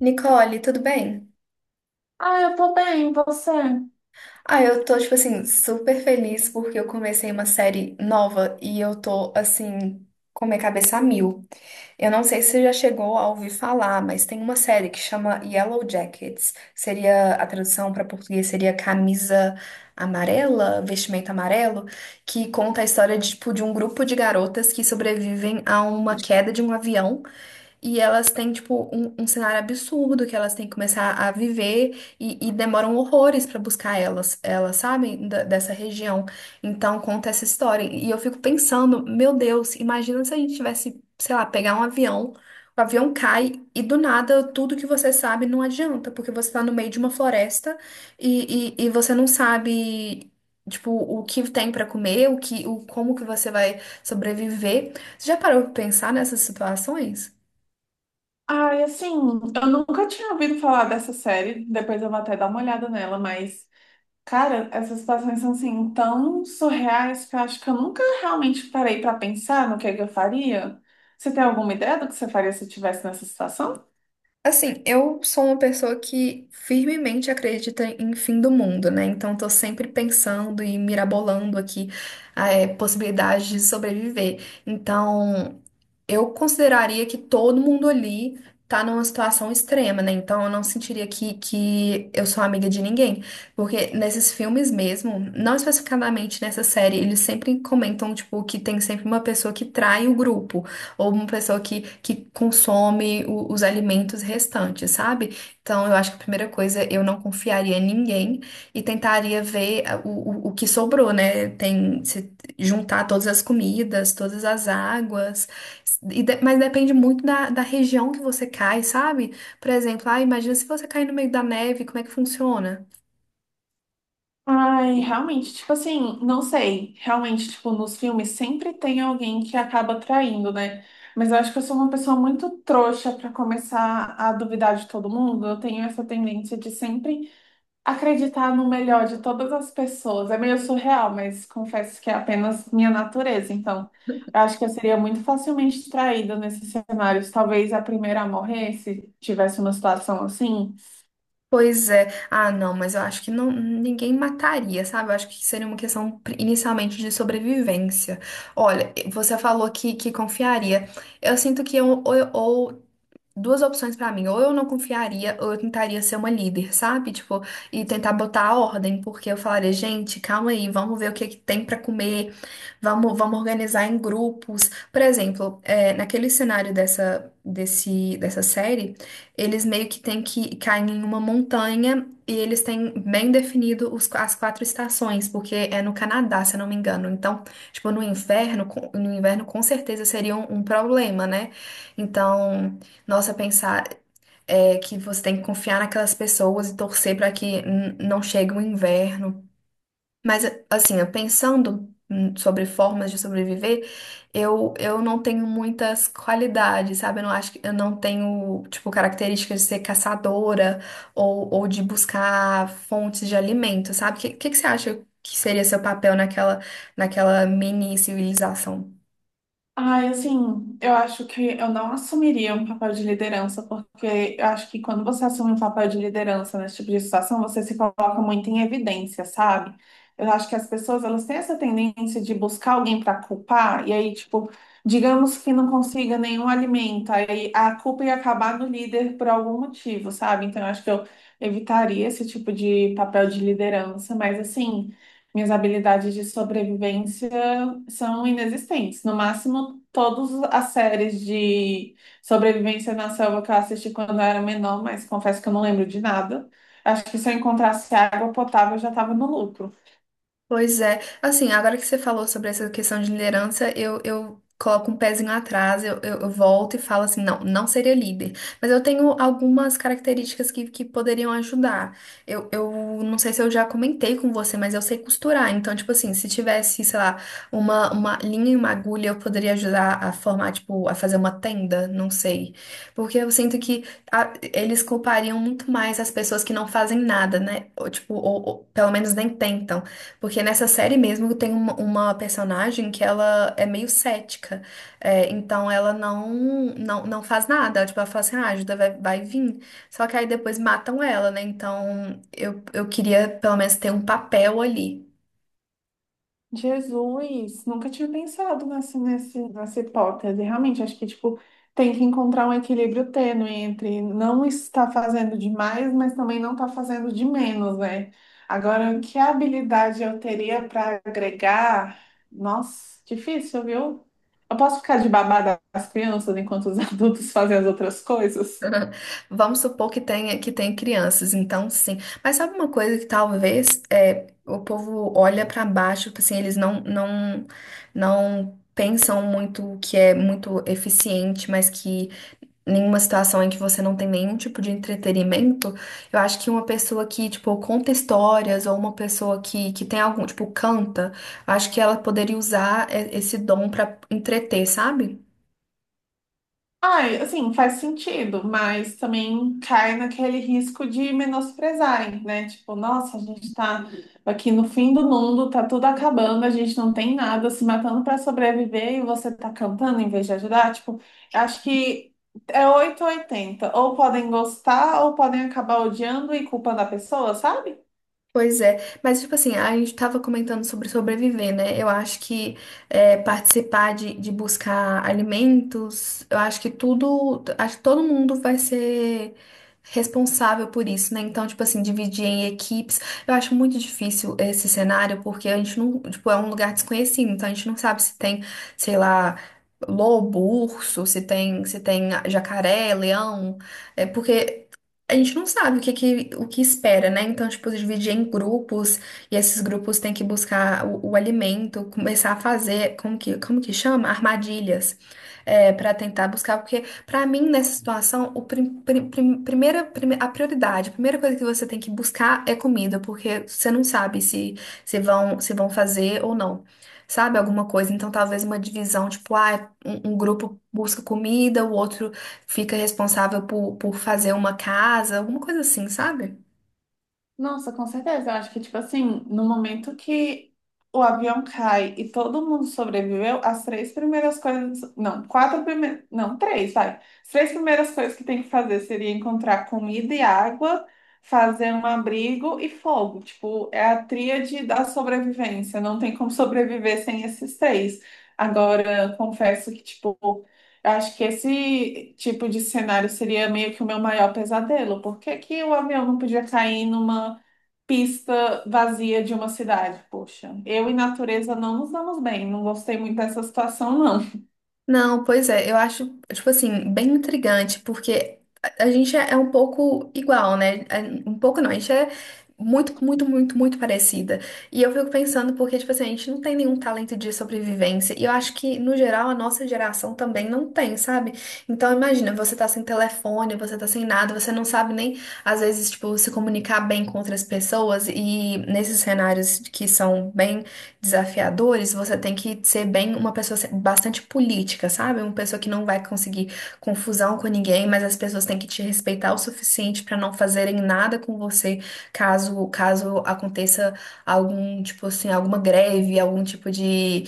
Nicole, tudo bem? Ah, eu tô bem, e você? Ah, eu tô, tipo assim, super feliz porque eu comecei uma série nova e eu tô, assim, com minha cabeça a mil. Eu não sei se você já chegou a ouvir falar, mas tem uma série que chama Yellow Jackets. Seria, a tradução para português seria camisa amarela, vestimento amarelo, que conta a história tipo, de um grupo de garotas que sobrevivem a uma queda de um avião. E elas têm, tipo, um cenário absurdo que elas têm que começar a viver e demoram horrores pra buscar elas, elas sabem, dessa região. Então, conta essa história. E eu fico pensando, meu Deus, imagina se a gente tivesse, sei lá, pegar um avião, o avião cai e do nada tudo que você sabe não adianta, porque você tá no meio de uma floresta e você não sabe. Tipo, o que tem pra comer, o que, o como que você vai sobreviver. Você já parou pra pensar nessas situações? Ah, e assim, eu nunca tinha ouvido falar dessa série, depois eu vou até dar uma olhada nela, mas, cara, essas situações são, assim, tão surreais que eu acho que eu nunca realmente parei pra pensar no que é que eu faria. Você tem alguma ideia do que você faria se estivesse nessa situação? Assim, eu sou uma pessoa que firmemente acredita em fim do mundo, né? Então, tô sempre pensando e mirabolando aqui a possibilidade de sobreviver. Então, eu consideraria que todo mundo ali tá numa situação extrema, né? Então eu não sentiria que eu sou amiga de ninguém. Porque nesses filmes mesmo, não especificadamente nessa série, eles sempre comentam, tipo, que tem sempre uma pessoa que trai o grupo, ou uma pessoa que consome os alimentos restantes, sabe? Então eu acho que a primeira coisa, eu não confiaria em ninguém e tentaria ver ah, o que sobrou, né? Tem, se juntar todas as comidas, todas as águas. E mas depende muito da região que você cai, sabe? Por exemplo, ah, imagina se você cair no meio da neve, como é que funciona? Ai, realmente, tipo assim, não sei. Realmente, tipo, nos filmes sempre tem alguém que acaba traindo, né? Mas eu acho que eu sou uma pessoa muito trouxa pra começar a duvidar de todo mundo. Eu tenho essa tendência de sempre acreditar no melhor de todas as pessoas. É meio surreal, mas confesso que é apenas minha natureza. Então, eu acho que eu seria muito facilmente traída nesses cenários. Talvez a primeira a morrer, se tivesse uma situação assim. Pois é. Ah, não, mas eu acho que não, ninguém mataria, sabe? Eu acho que seria uma questão inicialmente de sobrevivência. Olha, você falou que confiaria. Eu sinto que eu, ou, duas opções pra mim. Ou eu não confiaria, ou eu tentaria ser uma líder, sabe? Tipo, e tentar botar a ordem, porque eu falaria, gente, calma aí, vamos ver o que é que tem pra comer, vamos organizar em grupos. Por exemplo, naquele cenário dessa série, eles meio que têm que cair em uma montanha. E eles têm bem definido as quatro estações, porque é no Canadá, se eu não me engano. Então, tipo, no inverno, no inverno com certeza seria um problema, né? Então, nossa, pensar que você tem que confiar naquelas pessoas e torcer para que não chegue o inverno. Mas, assim, eu pensando sobre formas de sobreviver, eu não tenho muitas qualidades, sabe? Eu não acho que eu não tenho, tipo, características de ser caçadora ou de buscar fontes de alimento, sabe? O que você acha que seria seu papel naquela mini civilização? Ai, assim, eu acho que eu não assumiria um papel de liderança, porque eu acho que quando você assume um papel de liderança nesse tipo de situação, você se coloca muito em evidência, sabe? Eu acho que as pessoas, elas têm essa tendência de buscar alguém para culpar, e aí, tipo, digamos que não consiga nenhum alimento, aí a culpa ia acabar no líder por algum motivo, sabe? Então, eu acho que eu evitaria esse tipo de papel de liderança, mas assim. Minhas habilidades de sobrevivência são inexistentes. No máximo, todas as séries de sobrevivência na selva que eu assisti quando eu era menor, mas confesso que eu não lembro de nada. Acho que se eu encontrasse água potável, eu já estava no lucro. Pois é. Assim, agora que você falou sobre essa questão de liderança, eu coloco um pezinho atrás, eu volto e falo assim, não, não seria líder. Mas eu tenho algumas características que poderiam ajudar. Eu não sei se eu já comentei com você, mas eu sei costurar. Então, tipo assim, se tivesse, sei lá, uma linha e uma agulha, eu poderia ajudar a formar, tipo, a fazer uma tenda, não sei. Porque eu sinto que eles culpariam muito mais as pessoas que não fazem nada, né? Ou, tipo, ou pelo menos nem tentam. Porque nessa série mesmo tem uma personagem que ela é meio cética. É, então ela não faz nada. Tipo, ela fala assim, ah, ajuda vai vir. Só que aí depois matam ela, né? Então eu queria pelo menos ter um papel ali. Jesus, nunca tinha pensado nessa hipótese. Realmente, acho que tipo, tem que encontrar um equilíbrio tênue entre não estar fazendo demais, mas também não estar fazendo de menos, né? Agora, que habilidade eu teria para agregar? Nossa, difícil, viu? Eu posso ficar de babá das crianças enquanto os adultos fazem as outras coisas? Vamos supor que tenha, que tem crianças, então sim. Mas sabe uma coisa que talvez o povo olha pra baixo, tipo assim, eles não pensam muito que é muito eficiente, mas que em uma situação em que você não tem nenhum tipo de entretenimento, eu acho que uma pessoa que, tipo, conta histórias ou uma pessoa que tem algum, tipo, canta, eu acho que ela poderia usar esse dom pra entreter, sabe? Ai, assim, faz sentido, mas também cai naquele risco de menosprezarem, né? Tipo, nossa, a gente tá aqui no fim do mundo, tá tudo acabando, a gente não tem nada, se matando pra sobreviver e você tá cantando em vez de ajudar. Tipo, eu acho que é 8 ou 80. Ou podem gostar, ou podem acabar odiando e culpando a pessoa, sabe? Pois é, mas tipo assim, a gente estava comentando sobre sobreviver, né? Eu acho que participar de buscar alimentos, eu acho que todo mundo vai ser responsável por isso, né? Então, tipo assim, dividir em equipes, eu acho muito difícil esse cenário, porque a gente não, tipo, é um lugar desconhecido, então a gente não sabe se tem, sei lá, lobo, urso, se tem jacaré, leão, é porque a gente não sabe o que espera, né? Então, tipo, dividir em grupos e esses grupos têm que buscar o alimento, começar a fazer, como que chama? Armadilhas, para tentar buscar, porque para mim, nessa situação, o prim, prim- prim- primeira, prime- a prioridade, a primeira coisa que você tem que buscar é comida, porque você não sabe se vão fazer ou não. Sabe alguma coisa? Então, talvez uma divisão, tipo, um grupo busca comida, o outro fica responsável por fazer uma casa, alguma coisa assim, sabe? Nossa, com certeza. Eu acho que, tipo assim, no momento que o avião cai e todo mundo sobreviveu, as três primeiras coisas. Não, quatro primeiras. Não, três, vai. As três primeiras coisas que tem que fazer seria encontrar comida e água, fazer um abrigo e fogo. Tipo, é a tríade da sobrevivência. Não tem como sobreviver sem esses três. Agora, confesso que, tipo, eu acho que esse tipo de cenário seria meio que o meu maior pesadelo. Por que que o avião não podia cair numa pista vazia de uma cidade. Poxa, eu e natureza não nos damos bem. Não gostei muito dessa situação, não. Não, pois é, eu acho, tipo assim, bem intrigante, porque a gente é um pouco igual, né? É, um pouco não, a gente é muito, muito, muito, muito parecida. E eu fico pensando, porque, tipo assim, a gente não tem nenhum talento de sobrevivência. E eu acho que, no geral, a nossa geração também não tem, sabe? Então, imagina, você tá sem telefone, você tá sem nada, você não sabe nem, às vezes, tipo, se comunicar bem com outras pessoas. E nesses cenários que são bem desafiadores, você tem que ser bem uma pessoa bastante política, sabe? Uma pessoa que não vai conseguir confusão com ninguém, mas as pessoas têm que te respeitar o suficiente para não fazerem nada com você caso aconteça algum tipo assim, alguma greve, algum tipo de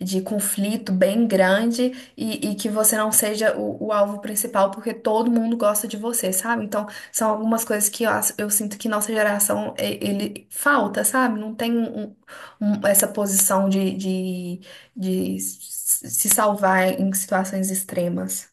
de conflito bem grande e que você não seja o alvo principal, porque todo mundo gosta de você, sabe? Então, são algumas coisas que eu sinto que nossa geração, ele falta, sabe? Não tem essa posição de se salvar em situações extremas.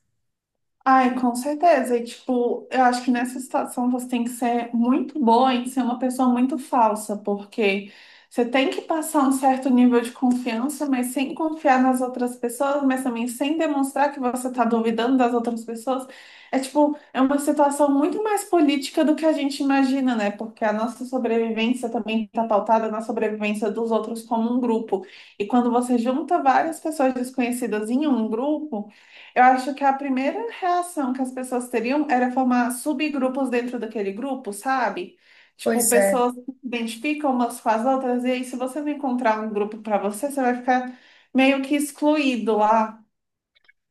Ai, com certeza. E, tipo, eu acho que nessa situação você tem que ser muito boa em ser uma pessoa muito falsa, porque você tem que passar um certo nível de confiança, mas sem confiar nas outras pessoas, mas também sem demonstrar que você está duvidando das outras pessoas. É, tipo, é uma situação muito mais política do que a gente imagina, né? Porque a nossa sobrevivência também está pautada na sobrevivência dos outros como um grupo. E quando você junta várias pessoas desconhecidas em um grupo, eu acho que a primeira reação que as pessoas teriam era formar subgrupos dentro daquele grupo, sabe? Tipo, Pois é. pessoas que se identificam umas com as outras, e aí, se você não encontrar um grupo para você, você vai ficar meio que excluído lá.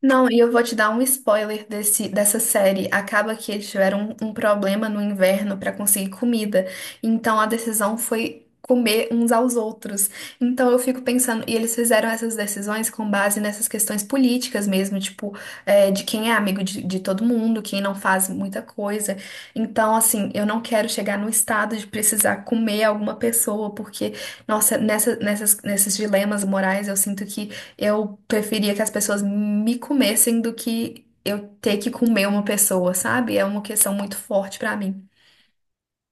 Não, e eu vou te dar um spoiler dessa série. Acaba que eles tiveram um problema no inverno para conseguir comida. Então a decisão foi comer uns aos outros. Então eu fico pensando, e eles fizeram essas decisões com base nessas questões políticas mesmo, tipo, de quem é amigo de todo mundo, quem não faz muita coisa. Então, assim, eu não quero chegar no estado de precisar comer alguma pessoa, porque, nossa, nesses dilemas morais eu sinto que. Eu preferia que as pessoas me comessem do que eu ter que comer uma pessoa, sabe? É uma questão muito forte pra mim.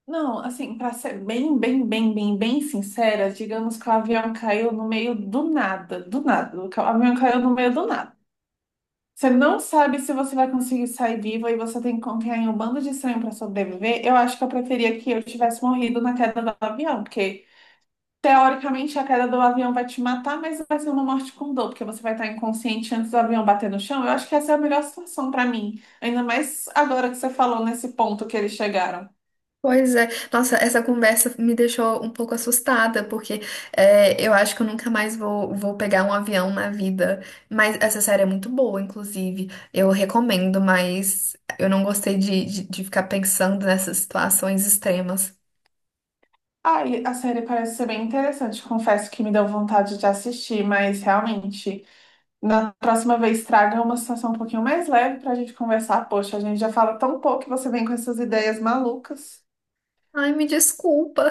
Não, assim, para ser bem sincera, digamos que o avião caiu no meio do nada, do nada. O avião caiu no meio do nada. Você não sabe se você vai conseguir sair viva e você tem que confiar em um bando de estranho para sobreviver. Eu acho que eu preferia que eu tivesse morrido na queda do avião, porque teoricamente a queda do avião vai te matar, mas vai ser uma morte com dor, porque você vai estar inconsciente antes do avião bater no chão. Eu acho que essa é a melhor situação para mim, ainda mais agora que você falou nesse ponto que eles chegaram. Pois é, nossa, essa conversa me deixou um pouco assustada, porque eu acho que eu nunca mais vou pegar um avião na vida. Mas essa série é muito boa, inclusive. Eu recomendo, mas eu não gostei de ficar pensando nessas situações extremas. Ai, a série parece ser bem interessante. Confesso que me deu vontade de assistir, mas realmente. Na próxima vez, traga uma situação um pouquinho mais leve para a gente conversar. Poxa, a gente já fala tão pouco e você vem com essas ideias malucas. Ai, me desculpa.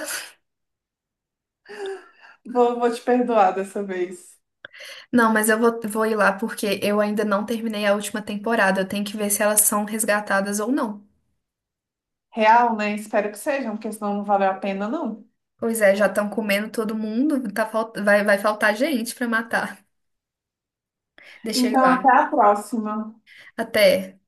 Vou te perdoar dessa vez. Não, mas eu vou ir lá porque eu ainda não terminei a última temporada. Eu tenho que ver se elas são resgatadas ou não. Real, né? Espero que sejam, porque senão não valeu a pena, não. Pois é, já estão comendo todo mundo. Tá, vai faltar gente pra matar. Deixa eu ir Então, lá. até a próxima. Até.